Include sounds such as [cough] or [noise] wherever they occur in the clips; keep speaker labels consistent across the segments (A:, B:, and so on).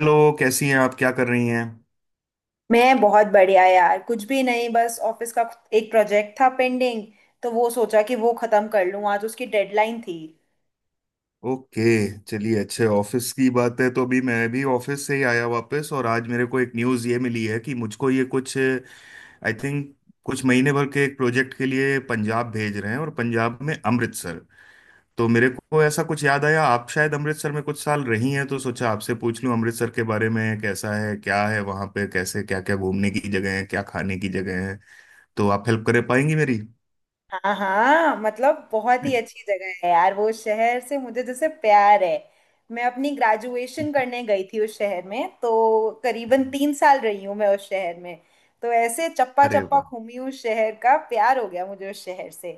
A: Hello, कैसी हैं आप? क्या कर रही हैं?
B: मैं बहुत बढ़िया यार। कुछ भी नहीं, बस ऑफिस का एक प्रोजेक्ट था पेंडिंग तो वो सोचा कि वो खत्म कर लूं। आज उसकी डेडलाइन थी।
A: ओके। चलिए, अच्छे ऑफिस की बात है। तो अभी मैं भी ऑफिस से ही आया वापस, और आज मेरे को एक न्यूज़ ये मिली है कि मुझको ये कुछ आई थिंक कुछ महीने भर के एक प्रोजेक्ट के लिए पंजाब भेज रहे हैं, और पंजाब में अमृतसर। तो मेरे को ऐसा कुछ याद आया, आप शायद अमृतसर में कुछ साल रही हैं, तो सोचा आपसे पूछ लूं अमृतसर के बारे में कैसा है, क्या है वहां पे, कैसे, क्या क्या घूमने की जगह है, क्या खाने की जगह है, तो आप हेल्प कर पाएंगी मेरी।
B: हाँ हाँ, मतलब बहुत ही अच्छी जगह है यार, वो शहर से मुझे जैसे प्यार है। मैं अपनी ग्रेजुएशन
A: [laughs]
B: करने गई थी उस शहर में, तो करीबन 3 साल रही हूँ मैं उस शहर में। तो ऐसे चप्पा
A: अरे
B: चप्पा
A: वाह।
B: घूमी, उस शहर का प्यार हो गया मुझे उस शहर से।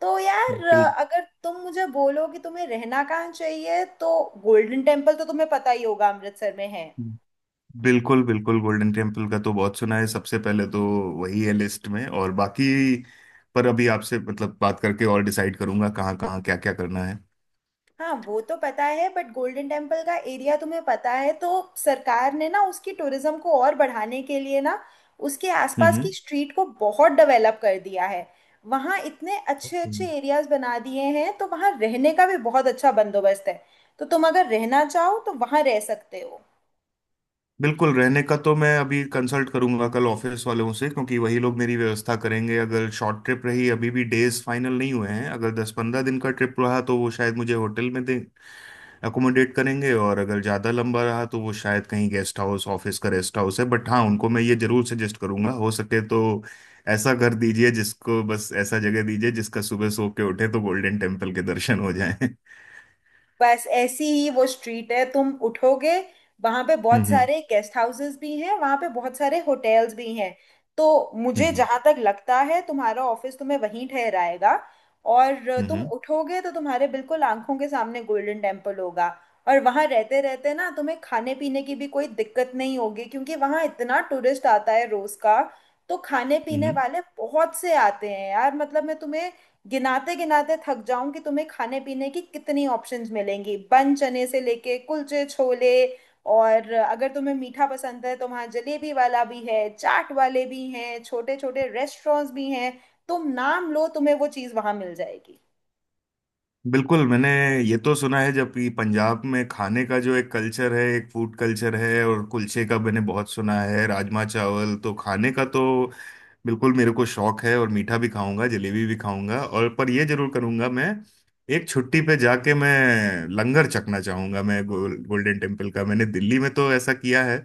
B: तो यार
A: बिल्कुल।
B: अगर तुम मुझे बोलो कि तुम्हें रहना कहाँ चाहिए तो गोल्डन टेम्पल तो तुम्हें पता ही होगा, अमृतसर में है।
A: बिल्कुल, बिल्कुल गोल्डन टेम्पल का तो बहुत सुना है। सबसे पहले तो वही है लिस्ट में, और बाकी पर अभी आपसे मतलब बात करके और डिसाइड करूंगा कहाँ कहाँ क्या क्या करना है।
B: हाँ वो तो पता है बट गोल्डन टेम्पल का एरिया तुम्हें पता है तो सरकार ने ना उसकी टूरिज्म को और बढ़ाने के लिए ना उसके
A: हम्म,
B: आसपास की स्ट्रीट को बहुत डेवलप कर दिया है। वहाँ इतने अच्छे
A: ओके।
B: अच्छे एरियाज बना दिए हैं तो वहाँ रहने का भी बहुत अच्छा बंदोबस्त है। तो तुम अगर रहना चाहो तो वहाँ रह सकते हो।
A: बिल्कुल, रहने का तो मैं अभी कंसल्ट करूंगा कल ऑफिस वालों से, क्योंकि वही लोग मेरी व्यवस्था करेंगे। अगर शॉर्ट ट्रिप रही, अभी भी डेज फाइनल नहीं हुए हैं, अगर 10-15 दिन का ट्रिप रहा तो वो शायद मुझे होटल में दें, अकोमोडेट करेंगे। और अगर ज़्यादा लंबा रहा तो वो शायद कहीं गेस्ट हाउस, ऑफिस का रेस्ट हाउस है। बट हाँ, उनको मैं ये जरूर सजेस्ट करूंगा, हो सके तो ऐसा घर दीजिए जिसको, बस ऐसा जगह दीजिए जिसका सुबह सो के उठे तो गोल्डन टेम्पल के दर्शन हो जाएं।
B: बस ऐसी ही वो स्ट्रीट है, तुम उठोगे। वहां पे बहुत
A: हम्म,
B: सारे गेस्ट हाउसेस भी हैं, वहां पे बहुत सारे होटल्स भी हैं। तो मुझे
A: हम्म,
B: जहां तक लगता है तुम्हारा ऑफिस तुम्हें वहीं ठहराएगा, और
A: हम्म,
B: तुम
A: हम्म,
B: उठोगे तो तुम्हारे बिल्कुल आंखों के सामने गोल्डन टेम्पल होगा। और वहां रहते रहते ना तुम्हें खाने पीने की भी कोई दिक्कत नहीं होगी, क्योंकि वहां इतना टूरिस्ट आता है रोज का। तो खाने पीने
A: हम्म।
B: वाले बहुत से आते हैं यार, मतलब मैं तुम्हें गिनाते गिनाते थक जाऊं कि तुम्हें खाने पीने की कितनी ऑप्शंस मिलेंगी, बन चने से लेके कुलचे छोले। और अगर तुम्हें मीठा पसंद है तो वहाँ जलेबी वाला भी है, चाट वाले भी हैं, छोटे छोटे रेस्टोरेंट्स भी हैं। तुम नाम लो, तुम्हें वो चीज़ वहाँ मिल जाएगी।
A: बिल्कुल। मैंने ये तो सुना है जबकि पंजाब में खाने का जो एक कल्चर है, एक फूड कल्चर है, और कुलचे का मैंने बहुत सुना है। राजमा चावल तो खाने का तो बिल्कुल मेरे को शौक है। और मीठा भी खाऊंगा, जलेबी भी खाऊंगा। और पर ये जरूर करूंगा मैं, एक छुट्टी पे जाके मैं लंगर चखना चाहूंगा मैं गोल्डन टेम्पल का। मैंने दिल्ली में तो ऐसा किया है,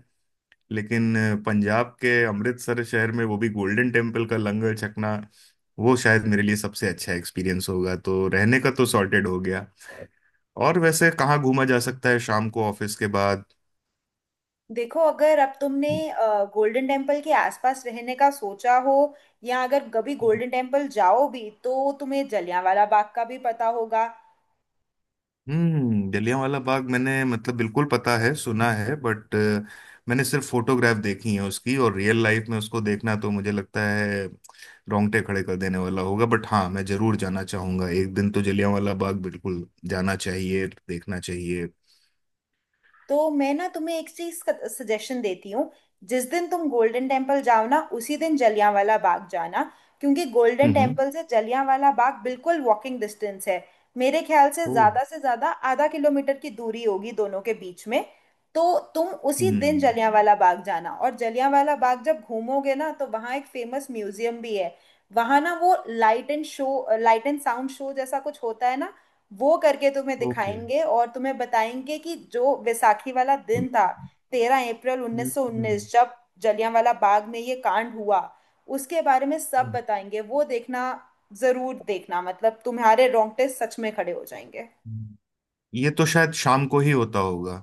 A: लेकिन पंजाब के अमृतसर शहर में वो भी गोल्डन टेम्पल का लंगर छकना, वो शायद मेरे लिए सबसे अच्छा एक्सपीरियंस होगा। तो रहने का तो सॉर्टेड हो गया, और वैसे कहाँ घूमा जा सकता है शाम को ऑफिस के बाद?
B: देखो, अगर अब तुमने गोल्डन टेम्पल के आसपास रहने का सोचा हो, या अगर कभी गोल्डन टेम्पल जाओ भी, तो तुम्हें जलियांवाला बाग का भी पता होगा।
A: हम्म। जलियांवाला बाग, मैंने मतलब बिल्कुल पता है, सुना है, बट मैंने सिर्फ फोटोग्राफ देखी है उसकी। और रियल लाइफ में उसको देखना तो मुझे लगता है रोंगटे खड़े कर देने वाला होगा। बट हाँ, मैं जरूर जाना चाहूंगा एक दिन, तो जलियांवाला बाग बिल्कुल जाना चाहिए, देखना चाहिए।
B: तो मैं ना तुम्हें एक चीज का सजेशन देती हूँ। जिस दिन तुम गोल्डन टेम्पल जाओ ना उसी दिन जलियांवाला बाग जाना, क्योंकि गोल्डन
A: हम्म।
B: टेम्पल से जलियांवाला बाग बिल्कुल वॉकिंग डिस्टेंस है। मेरे ख्याल
A: ओ।
B: से ज्यादा आधा किलोमीटर की दूरी होगी दोनों के बीच में। तो तुम उसी दिन
A: हम्म।
B: जलियांवाला बाग जाना, और जलियांवाला बाग जब घूमोगे ना तो वहाँ एक फेमस म्यूजियम भी है। वहाँ ना वो light and show, light and sound show जैसा कुछ होता है ना, वो करके तुम्हें
A: ओके।
B: दिखाएंगे और तुम्हें बताएंगे कि जो वैसाखी वाला
A: हम्म,
B: दिन था, तेरह अप्रैल उन्नीस सौ
A: हम्म,
B: उन्नीस जब जलियांवाला बाग में ये कांड हुआ, उसके बारे में सब
A: हम्म।
B: बताएंगे। वो देखना, जरूर देखना, मतलब तुम्हारे रोंगटे सच में खड़े हो जाएंगे।
A: हम्म। ये तो शायद शाम को ही होता होगा।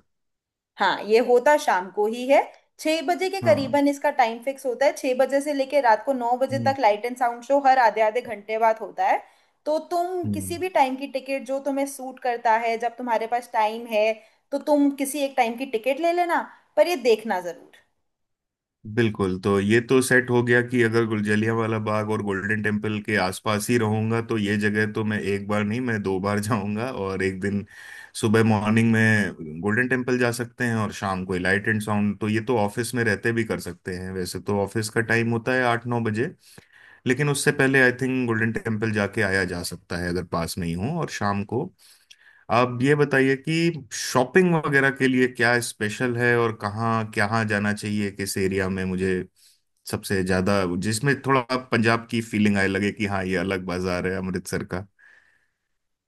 B: हाँ, ये होता शाम को ही है। 6 बजे के
A: हाँ।
B: करीबन इसका टाइम फिक्स होता है, 6 बजे से लेके रात को 9 बजे तक
A: हम्म,
B: लाइट एंड साउंड शो हर आधे आधे घंटे बाद होता है। तो तुम
A: हम्म।
B: किसी भी टाइम की टिकट, जो तुम्हें सूट करता है जब तुम्हारे पास टाइम है, तो तुम किसी एक टाइम की टिकट ले लेना, पर ये देखना जरूर।
A: बिल्कुल, तो ये तो सेट हो गया कि अगर जलियांवाला बाग और गोल्डन टेम्पल के आसपास ही रहूंगा तो ये जगह तो मैं एक बार नहीं, मैं दो बार जाऊंगा। और एक दिन सुबह मॉर्निंग में गोल्डन टेम्पल जा सकते हैं, और शाम को लाइट एंड साउंड तो ये तो ऑफिस में रहते भी कर सकते हैं। वैसे तो ऑफिस का टाइम होता है 8-9 बजे, लेकिन उससे पहले आई थिंक गोल्डन टेम्पल जाके आया जा सकता है अगर पास नहीं हो। और शाम को आप ये बताइए कि शॉपिंग वगैरह के लिए क्या स्पेशल है, और कहाँ कहाँ जाना चाहिए, किस एरिया में मुझे सबसे ज्यादा जिसमें थोड़ा पंजाब की फीलिंग आए, लगे कि हाँ ये अलग बाजार है अमृतसर का।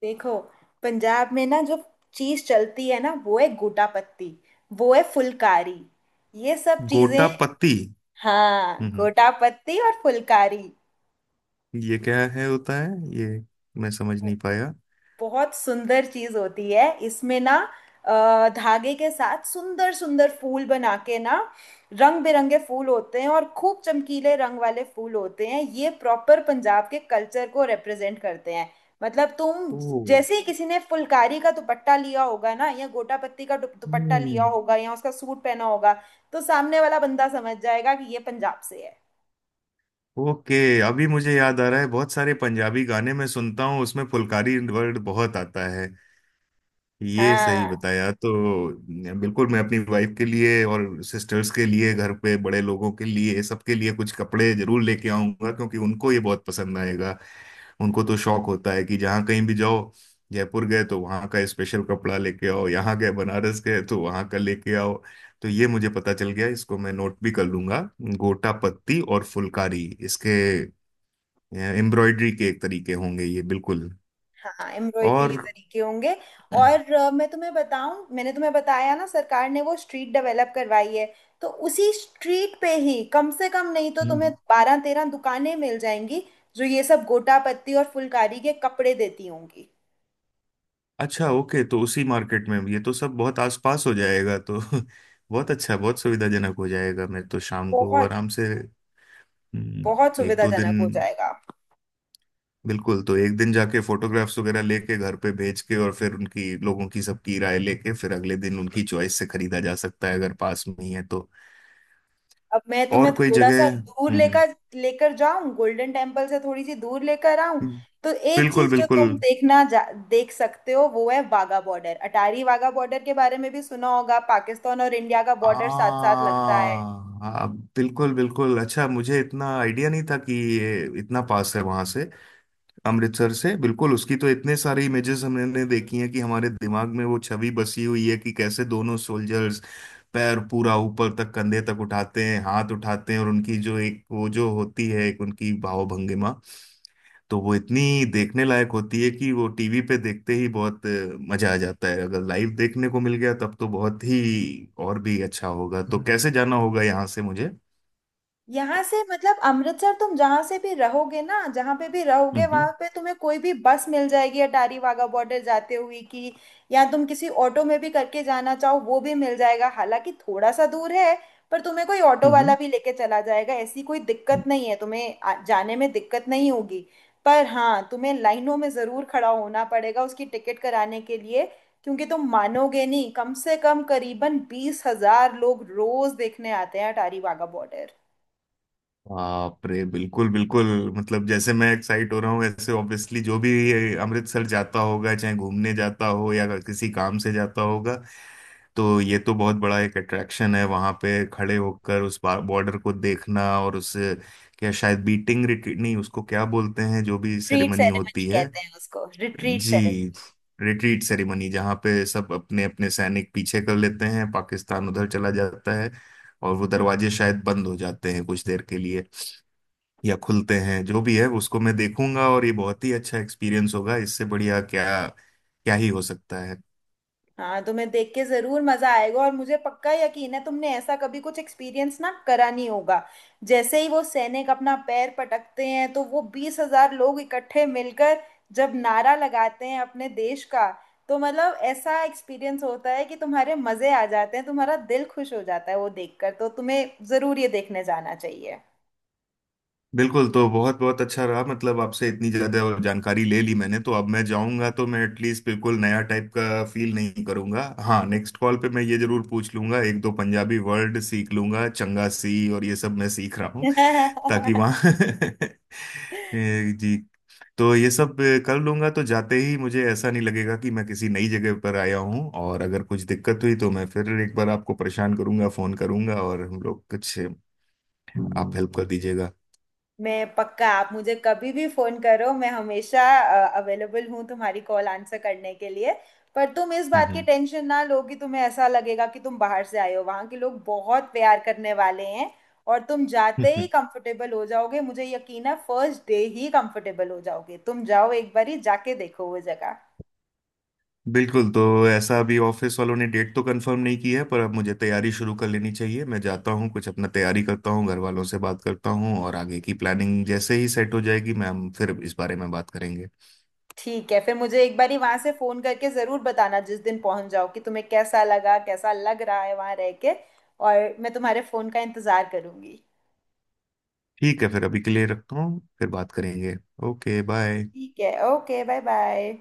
B: देखो, पंजाब में ना जो चीज चलती है ना वो है गोटा पत्ती, वो है फुलकारी, ये सब चीजें।
A: गोटापत्ती।
B: हाँ,
A: हम्म।
B: गोटा पत्ती और फुलकारी
A: ये क्या है, होता है ये? मैं समझ नहीं पाया।
B: बहुत सुंदर चीज होती है। इसमें ना अ, धागे के साथ सुंदर सुंदर फूल बना के ना, रंग बिरंगे फूल होते हैं, और खूब चमकीले रंग वाले फूल होते हैं, ये प्रॉपर पंजाब के कल्चर को रिप्रेजेंट करते हैं। मतलब तुम जैसे ही किसी ने फुलकारी का दुपट्टा लिया होगा ना, या गोटा पत्ती का दुप-
A: ओ।
B: दुपट्टा लिया होगा, या उसका सूट पहना होगा, तो सामने वाला बंदा समझ जाएगा कि ये पंजाब से है।
A: ओके। अभी मुझे याद आ रहा है, बहुत सारे पंजाबी गाने मैं सुनता हूँ, उसमें फुलकारी वर्ड बहुत आता है। ये सही
B: हाँ
A: बताया तो। बिल्कुल, मैं अपनी वाइफ के लिए और सिस्टर्स के लिए, घर पे बड़े लोगों के लिए, सबके लिए कुछ कपड़े जरूर लेके आऊंगा, क्योंकि उनको ये बहुत पसंद आएगा। उनको तो शौक होता है कि जहाँ कहीं भी जाओ, जयपुर गए तो वहाँ का स्पेशल कपड़ा लेके आओ, यहाँ गए, बनारस गए तो वहाँ का लेके आओ। तो ये मुझे पता चल गया, इसको मैं नोट भी कर लूंगा, गोटा पत्ती और फुलकारी। इसके एम्ब्रॉयडरी के एक तरीके होंगे ये, बिल्कुल।
B: हाँ, एम्ब्रॉयडरी के
A: और
B: तरीके होंगे। और मैं तुम्हें बताऊं, मैंने तुम्हें बताया ना सरकार ने वो स्ट्रीट डेवलप करवाई है, तो उसी स्ट्रीट पे ही कम से कम नहीं तो तुम्हें
A: हम्म।
B: 12-13 दुकानें मिल जाएंगी, जो ये सब गोटा पत्ती और फुलकारी के कपड़े देती होंगी।
A: अच्छा, ओके, तो उसी मार्केट में ये तो सब बहुत आसपास हो जाएगा तो [laughs] बहुत अच्छा, बहुत सुविधाजनक हो जाएगा। मैं तो शाम को
B: बहुत
A: आराम से
B: बहुत
A: हम्म, एक दो
B: सुविधाजनक हो
A: दिन,
B: जाएगा।
A: बिल्कुल, तो एक दिन जाके फोटोग्राफ्स वगैरह लेके घर पे भेज के और फिर उनकी, लोगों की, सबकी राय लेके फिर अगले दिन उनकी चॉइस से खरीदा जा सकता है, अगर पास में ही है तो।
B: अब मैं
A: और
B: तुम्हें
A: कोई
B: थोड़ा सा
A: जगह?
B: दूर
A: हम्म,
B: लेकर लेकर जाऊं, गोल्डन टेम्पल से थोड़ी सी दूर लेकर आऊं।
A: हम्म,
B: तो एक
A: बिल्कुल,
B: चीज जो
A: बिल्कुल।
B: तुम देख सकते हो वो है वाघा बॉर्डर। अटारी वाघा बॉर्डर के बारे में भी सुना होगा, पाकिस्तान और इंडिया का
A: आ,
B: बॉर्डर साथ साथ लगता है।
A: आ, बिल्कुल, बिल्कुल, अच्छा मुझे इतना आइडिया नहीं था कि ये इतना पास है वहां से, अमृतसर से। बिल्कुल, उसकी तो इतने सारे इमेजेस हमने देखी हैं कि हमारे दिमाग में वो छवि बसी हुई है कि कैसे दोनों सोल्जर्स पैर पूरा ऊपर तक, कंधे तक उठाते हैं, हाथ उठाते हैं, और उनकी जो एक वो जो होती है एक उनकी भावभंगिमा, तो वो इतनी देखने लायक होती है कि वो टीवी पे देखते ही बहुत मजा आ जाता है। अगर लाइव देखने को मिल गया तब तो बहुत ही और भी अच्छा होगा। तो हम्म, कैसे जाना होगा यहाँ से मुझे?
B: यहाँ से मतलब अमृतसर तुम जहां से भी रहोगे ना, जहां पे भी रहोगे
A: हम्म।
B: वहां पे तुम्हें कोई भी बस मिल जाएगी अटारी वाघा बॉर्डर जाते हुए कि, या तुम किसी ऑटो में भी करके जाना चाहो वो भी मिल जाएगा, हालांकि थोड़ा सा दूर है। पर तुम्हें कोई ऑटो वाला भी लेके चला जाएगा, ऐसी कोई दिक्कत
A: हम्म।
B: नहीं है, तुम्हें जाने में दिक्कत नहीं होगी। पर हाँ, तुम्हें लाइनों में जरूर खड़ा होना पड़ेगा उसकी टिकट कराने के लिए, क्योंकि तुम मानोगे नहीं, कम से कम करीबन 20,000 लोग रोज देखने आते हैं अटारी वाघा बॉर्डर।
A: बाप रे, बिल्कुल, बिल्कुल, मतलब जैसे मैं एक्साइट हो रहा हूँ, ऐसे ऑब्वियसली जो भी ये अमृतसर जाता होगा, चाहे घूमने जाता हो या किसी काम से जाता होगा, तो ये तो बहुत बड़ा एक अट्रैक्शन है वहां पे, खड़े होकर उस बॉर्डर को देखना। और उस क्या, शायद बीटिंग रिट्रीट, नहीं, उसको क्या बोलते हैं, जो भी
B: रिट्रीट
A: सेरेमनी
B: सेरेमनी
A: होती है।
B: कहते हैं उसको, रिट्रीट
A: जी,
B: सेरेमनी।
A: रिट्रीट सेरेमनी, जहाँ पे सब अपने अपने सैनिक पीछे कर लेते हैं, पाकिस्तान उधर चला जाता है, और वो दरवाजे शायद बंद हो जाते हैं कुछ देर के लिए, या खुलते हैं, जो भी है उसको मैं देखूंगा, और ये बहुत ही अच्छा एक्सपीरियंस होगा। इससे बढ़िया क्या क्या ही हो सकता है।
B: हाँ, तुम्हें देख के जरूर मजा आएगा, और मुझे पक्का यकीन है तुमने ऐसा कभी कुछ एक्सपीरियंस ना करा नहीं होगा। जैसे ही वो सैनिक अपना पैर पटकते हैं तो वो 20,000 लोग इकट्ठे मिलकर जब नारा लगाते हैं अपने देश का, तो मतलब ऐसा एक्सपीरियंस होता है कि तुम्हारे मजे आ जाते हैं, तुम्हारा दिल खुश हो जाता है वो देखकर, तो तुम्हें जरूर ये देखने जाना चाहिए।
A: बिल्कुल, तो बहुत बहुत अच्छा रहा, मतलब आपसे इतनी ज़्यादा जानकारी ले ली मैंने, तो अब मैं जाऊंगा तो मैं एटलीस्ट बिल्कुल नया टाइप का फील नहीं करूंगा। हाँ, नेक्स्ट कॉल पे मैं ये जरूर पूछ लूंगा, एक दो पंजाबी वर्ड सीख लूंगा, चंगा सी और ये सब मैं सीख रहा हूँ ताकि वहाँ [laughs]
B: [laughs]
A: जी, तो ये सब कर लूंगा तो जाते ही मुझे ऐसा नहीं लगेगा कि मैं किसी नई जगह पर आया हूँ। और अगर कुछ दिक्कत हुई तो मैं फिर एक बार आपको परेशान करूंगा, फोन करूंगा, और हम लोग कुछ, आप हेल्प कर दीजिएगा।
B: मैं पक्का, आप मुझे कभी भी फोन करो, मैं हमेशा अवेलेबल हूँ तुम्हारी कॉल आंसर करने के लिए। पर तुम इस बात की
A: हम्म,
B: टेंशन ना लो कि तुम्हें ऐसा लगेगा कि तुम बाहर से आए हो, वहाँ के लोग बहुत प्यार करने वाले हैं, और तुम जाते ही
A: हम्म।
B: कंफर्टेबल हो जाओगे, मुझे यकीन है फर्स्ट डे ही कंफर्टेबल हो जाओगे। तुम जाओ, एक बारी जाके देखो वो जगह।
A: [laughs] बिल्कुल, तो ऐसा अभी ऑफिस वालों ने डेट तो कंफर्म नहीं की है, पर अब मुझे तैयारी शुरू कर लेनी चाहिए। मैं जाता हूँ, कुछ अपना तैयारी करता हूँ, घर वालों से बात करता हूँ, और आगे की प्लानिंग जैसे ही सेट हो जाएगी मैम, फिर इस बारे में बात करेंगे।
B: ठीक है, फिर मुझे एक बारी वहां से फोन करके जरूर बताना जिस दिन पहुंच जाओ, कि तुम्हें कैसा लगा, कैसा लग रहा है वहां रह के, और मैं तुम्हारे फोन का इंतजार करूंगी।
A: ठीक है, फिर अभी के लिए रखता हूँ, फिर बात करेंगे। Okay, bye.
B: ठीक है, ओके बाय बाय।